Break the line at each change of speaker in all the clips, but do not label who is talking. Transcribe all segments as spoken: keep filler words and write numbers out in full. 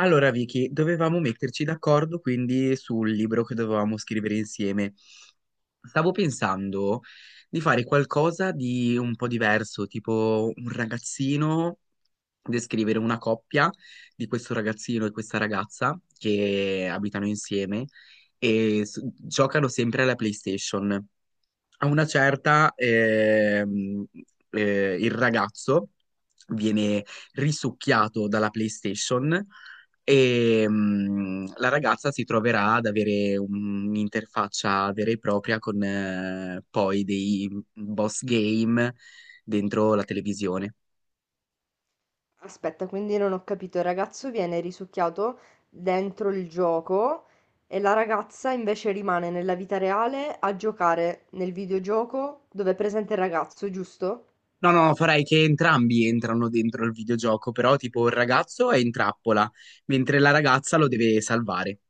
Allora, Vicky, dovevamo metterci d'accordo quindi sul libro che dovevamo scrivere insieme. Stavo pensando di fare qualcosa di un po' diverso, tipo un ragazzino, descrivere una coppia di questo ragazzino e questa ragazza che abitano insieme e s- giocano sempre alla PlayStation a una certa, ehm, eh, il ragazzo viene risucchiato dalla PlayStation e mm, la ragazza si troverà ad avere un'interfaccia vera e propria con eh, poi dei boss game dentro la televisione.
Aspetta, quindi non ho capito, il ragazzo viene risucchiato dentro il gioco e la ragazza invece rimane nella vita reale a giocare nel videogioco dove è presente il ragazzo, giusto?
No, no, farei che entrambi entrano dentro il videogioco, però tipo il ragazzo è in trappola, mentre la ragazza lo deve salvare.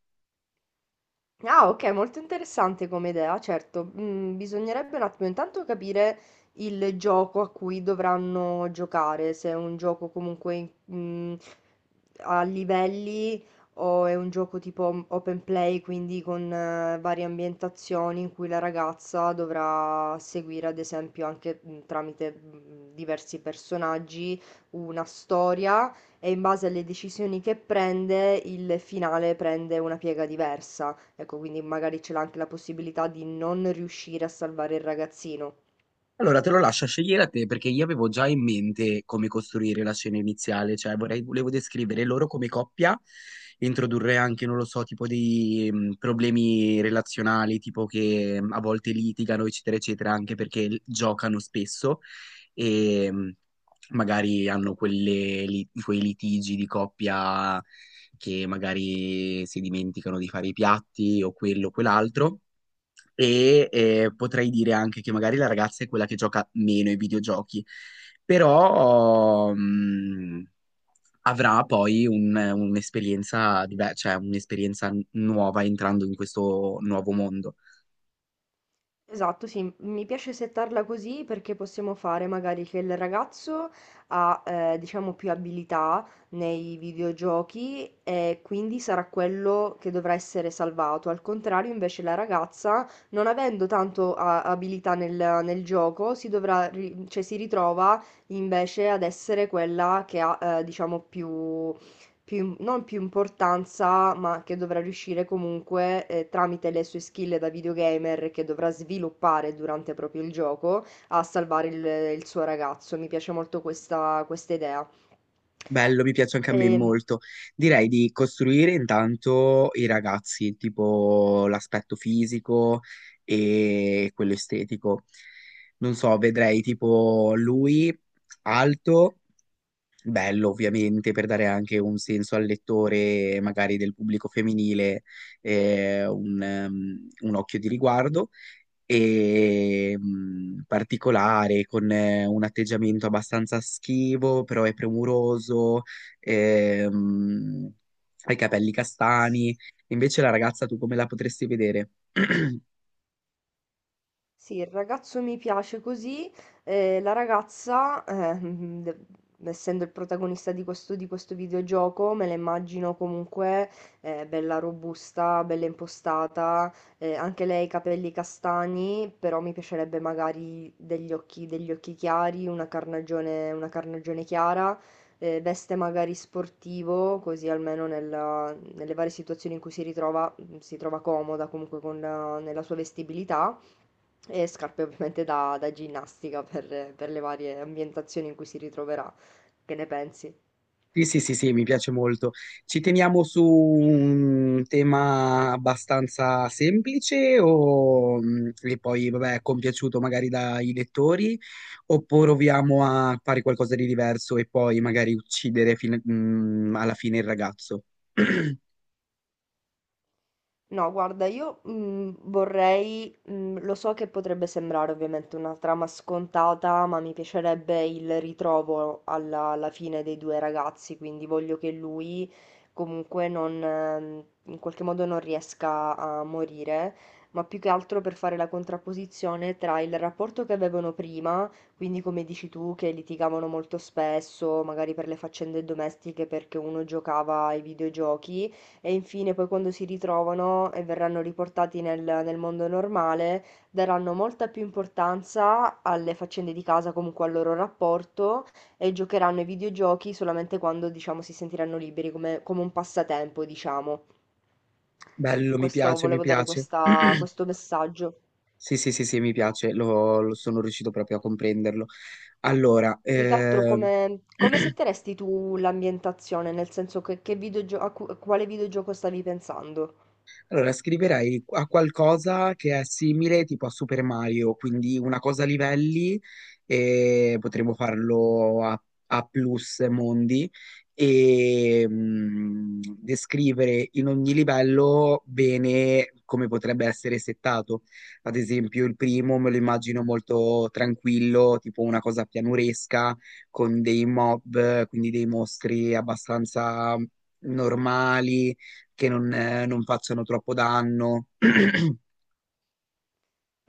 Ah, ok, molto interessante come idea, certo. Mm, bisognerebbe un attimo intanto capire il gioco a cui dovranno giocare, se è un gioco comunque mm, a livelli o è un gioco tipo open play, quindi con eh, varie ambientazioni in cui la ragazza dovrà seguire, ad esempio, anche mm, tramite mm, diversi personaggi una storia e in base alle decisioni che prende, il finale prende una piega diversa. Ecco, quindi magari c'è anche la possibilità di non riuscire a salvare il ragazzino.
Allora, te lo lascio a scegliere a te perché io avevo già in mente come costruire la scena iniziale, cioè vorrei, volevo descrivere loro come coppia, introdurre anche, non lo so, tipo dei mh, problemi relazionali, tipo che mh, a volte litigano, eccetera, eccetera, anche perché l- giocano spesso e mh, magari hanno quelle li- quei litigi di coppia che magari si dimenticano di fare i piatti o quello o quell'altro e eh, potrei dire anche che magari la ragazza è quella che gioca meno ai videogiochi, però mh, avrà poi un- un'esperienza diver- cioè un'esperienza nuova entrando in questo nuovo mondo.
Esatto, sì, mi piace settarla così perché possiamo fare magari che il ragazzo ha, eh, diciamo, più abilità nei videogiochi e quindi sarà quello che dovrà essere salvato. Al contrario, invece, la ragazza, non avendo tanto a- abilità nel, nel gioco, si dovrà, ri- cioè, si ritrova invece ad essere quella che ha, eh, diciamo, più più- non più importanza, ma che dovrà riuscire comunque eh, tramite le sue skill da videogamer che dovrà sviluppare durante proprio il gioco a salvare il, il suo ragazzo. Mi piace molto questa, questa idea.
Bello, mi piace anche a me
Ehm,
molto. Direi di costruire intanto i ragazzi, tipo l'aspetto fisico e quello estetico. Non so, vedrei tipo lui alto, bello ovviamente per dare anche un senso al lettore, magari del pubblico femminile, eh, un, ehm, un occhio di riguardo e mh, particolare, con eh, un atteggiamento abbastanza schivo, però è premuroso, ehm, ha i capelli castani. Invece la ragazza, tu come la potresti vedere?
Sì, il ragazzo mi piace così, eh, la ragazza, eh, mm, de- essendo il protagonista di questo, di questo videogioco, me la immagino comunque eh, bella robusta, bella impostata, eh, anche lei capelli castani, però mi piacerebbe magari degli occhi, degli occhi chiari, una carnagione, una carnagione chiara, eh, veste magari sportivo, così almeno nella- nelle varie situazioni in cui si ritrova, si trova comoda comunque con la- nella sua vestibilità e scarpe ovviamente da, da ginnastica per, per le varie ambientazioni in cui si ritroverà. Che ne pensi?
Sì, sì, sì, sì, mi piace molto. Ci teniamo su un tema abbastanza semplice o mm, che poi, vabbè, è compiaciuto magari dai lettori, oppure proviamo a fare qualcosa di diverso e poi magari uccidere fine- mm, alla fine il ragazzo.
No, guarda, io mm, vorrei, mm, lo so che potrebbe sembrare ovviamente una trama scontata, ma mi piacerebbe il ritrovo alla, alla fine dei due ragazzi, quindi voglio che lui comunque non, ehm, in qualche modo non riesca a morire, ma più che altro per fare la contrapposizione tra il rapporto che avevano prima, quindi come dici tu, che litigavano molto spesso, magari per le faccende domestiche, perché uno giocava ai videogiochi e infine poi quando si ritrovano e verranno riportati nel, nel mondo normale, daranno molta più importanza alle faccende di casa, comunque al loro rapporto, e giocheranno ai videogiochi solamente quando, diciamo, si sentiranno liberi, come, come un passatempo, diciamo.
Bello, mi
Questo,
piace, mi
volevo dare
piace.
questa- questo messaggio.
Sì, sì, sì, sì, mi piace, lo, lo sono riuscito proprio a comprenderlo. Allora,
Più che altro
eh,
come, come setteresti tu l'ambientazione, nel senso che, che videogio- a cu- a quale videogioco stavi pensando?
Allora, scriverei a qualcosa che è simile tipo a Super Mario, quindi una cosa a livelli e potremmo farlo a, a plus mondi e mh, descrivere in ogni livello bene come potrebbe essere settato. Ad esempio, il primo me lo immagino molto tranquillo, tipo una cosa pianuresca con dei mob, quindi dei mostri abbastanza normali che non, eh, non facciano troppo danno.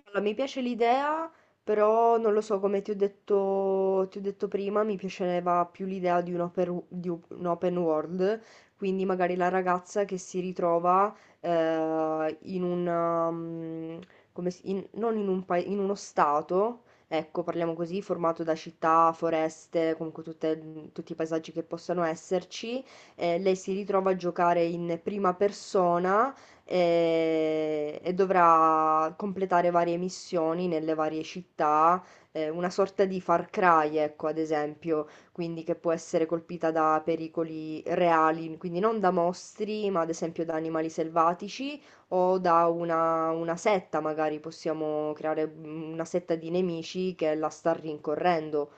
Allora, mi piace l'idea, però non lo so, come ti ho detto, ti ho detto prima, mi piaceva più l'idea di un open, di un open world, quindi magari la ragazza che si ritrova eh, in un, mm, come si- in- non in un paese, in uno stato, ecco, parliamo così, formato da città, foreste, comunque tutte- tutti i paesaggi che possano esserci, eh, lei si ritrova a giocare in prima persona e, e dovrà completare varie missioni nelle varie città, eh, una sorta di Far Cry, ecco, ad esempio, quindi che può essere colpita da pericoli reali, quindi non da mostri, ma ad esempio da animali selvatici o da una, una setta, magari possiamo creare mm, una setta di nemici che la sta rincorrendo.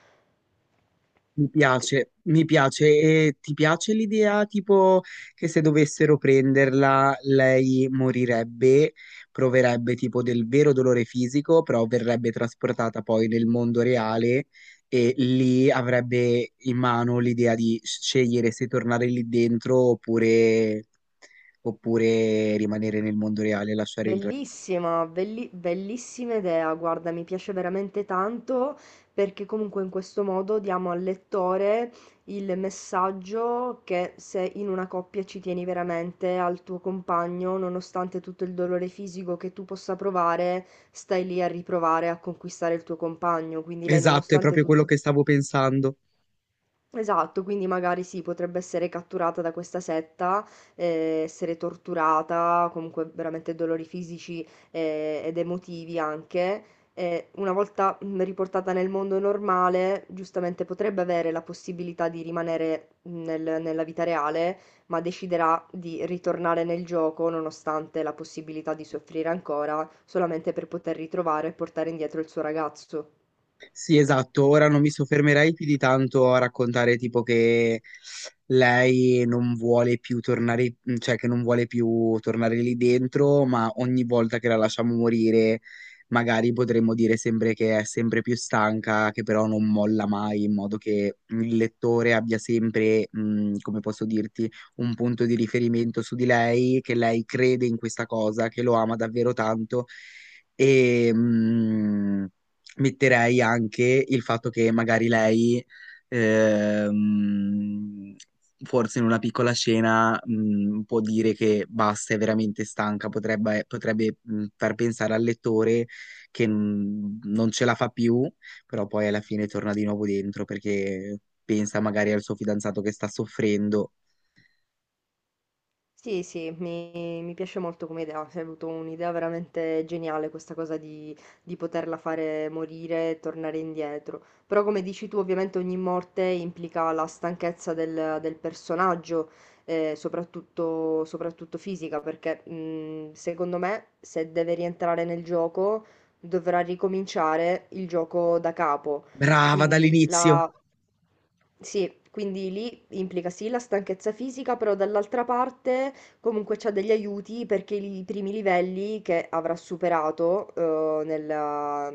Mi piace, mi piace. E ti piace l'idea tipo che se dovessero prenderla lei morirebbe, proverebbe tipo del vero dolore fisico, però verrebbe trasportata poi nel mondo reale e lì avrebbe in mano l'idea di scegliere se tornare lì dentro oppure, oppure rimanere nel mondo reale e lasciare il re.
Bellissima, belli- bellissima idea, guarda, mi piace veramente tanto perché comunque in questo modo diamo al lettore il messaggio che se in una coppia ci tieni veramente al tuo compagno, nonostante tutto il dolore fisico che tu possa provare, stai lì a riprovare a conquistare il tuo compagno. Quindi lei,
Esatto, è
nonostante
proprio quello
tutto.
che stavo pensando.
Esatto, quindi magari sì, potrebbe essere catturata da questa setta, eh, essere torturata, comunque veramente dolori fisici, eh, ed emotivi anche. E una volta mm, riportata nel mondo normale, giustamente potrebbe avere la possibilità di rimanere mm, nel- nella vita reale, ma deciderà di ritornare nel gioco, nonostante la possibilità di soffrire ancora, solamente per poter ritrovare e portare indietro il suo ragazzo.
Sì, esatto. Ora non mi soffermerei più di tanto a raccontare tipo che lei non vuole più tornare, mhmm, cioè che non vuole più tornare lì dentro, ma ogni volta che la lasciamo morire, magari potremmo dire sempre che è sempre più stanca, che però non molla mai, in modo che il lettore abbia sempre, mh, come posso dirti, un punto di riferimento su di lei, che lei crede in questa cosa, che lo ama davvero tanto. E, mh, metterei anche il fatto che magari lei, ehm, forse in una piccola scena, mh, può dire che basta, è veramente stanca, potrebbe, potrebbe, mh, far pensare al lettore che mh, non ce la fa più, però poi alla fine torna di nuovo dentro perché pensa magari al suo fidanzato che sta soffrendo.
Sì, sì, mi mi piace molto come idea, hai avuto un'idea veramente geniale questa cosa di, di poterla fare morire e tornare indietro. Però come dici tu, ovviamente ogni morte implica la stanchezza del, del personaggio, eh, soprattutto, soprattutto fisica, perché mh, secondo me se deve rientrare nel gioco dovrà ricominciare il gioco da capo.
Brava
Quindi
dall'inizio!
la... Sì, quindi lì implica sì la stanchezza fisica, però dall'altra parte comunque c'ha degli aiuti perché i primi livelli che avrà superato eh, nella-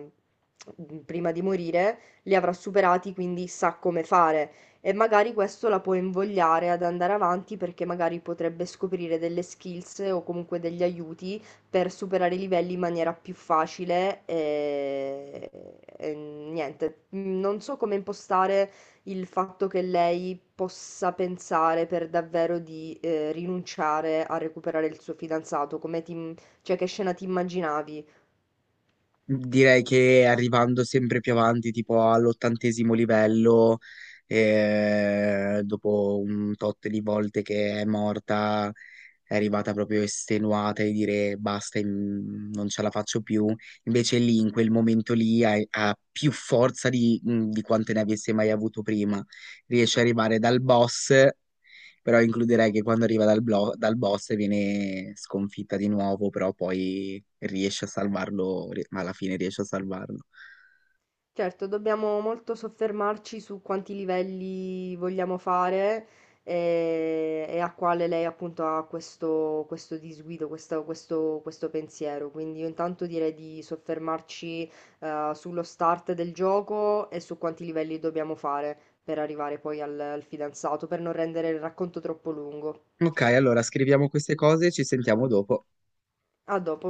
prima di morire li avrà superati, quindi sa come fare e magari questo la può invogliare ad andare avanti perché magari potrebbe scoprire delle skills o comunque degli aiuti per superare i livelli in maniera più facile. E... e niente, non so come impostare il fatto che lei possa pensare per davvero di eh, rinunciare a recuperare il suo fidanzato, come ti, cioè che scena ti immaginavi?
Direi che arrivando sempre più avanti, tipo all'ottantesimo livello, eh, dopo un tot di volte che è morta, è arrivata proprio estenuata e dire basta, in- non ce la faccio più. Invece lì, in quel momento lì, ha, ha più forza di, di quante ne avesse mai avuto prima. Riesce ad arrivare dal boss. Però includerei che quando arriva dal, blo- dal boss viene sconfitta di nuovo, però poi riesce a salvarlo, ri- ma alla fine riesce a salvarlo.
Certo, dobbiamo molto soffermarci su quanti livelli vogliamo fare eh, e, a quale lei appunto ha questo, questo disguido, questo, questo- questo pensiero. Quindi io intanto direi di soffermarci eh, sullo start del gioco e su quanti livelli dobbiamo fare per arrivare poi al al fidanzato, per non rendere il racconto troppo lungo.
Ok, allora scriviamo queste cose e ci sentiamo dopo.
A dopo.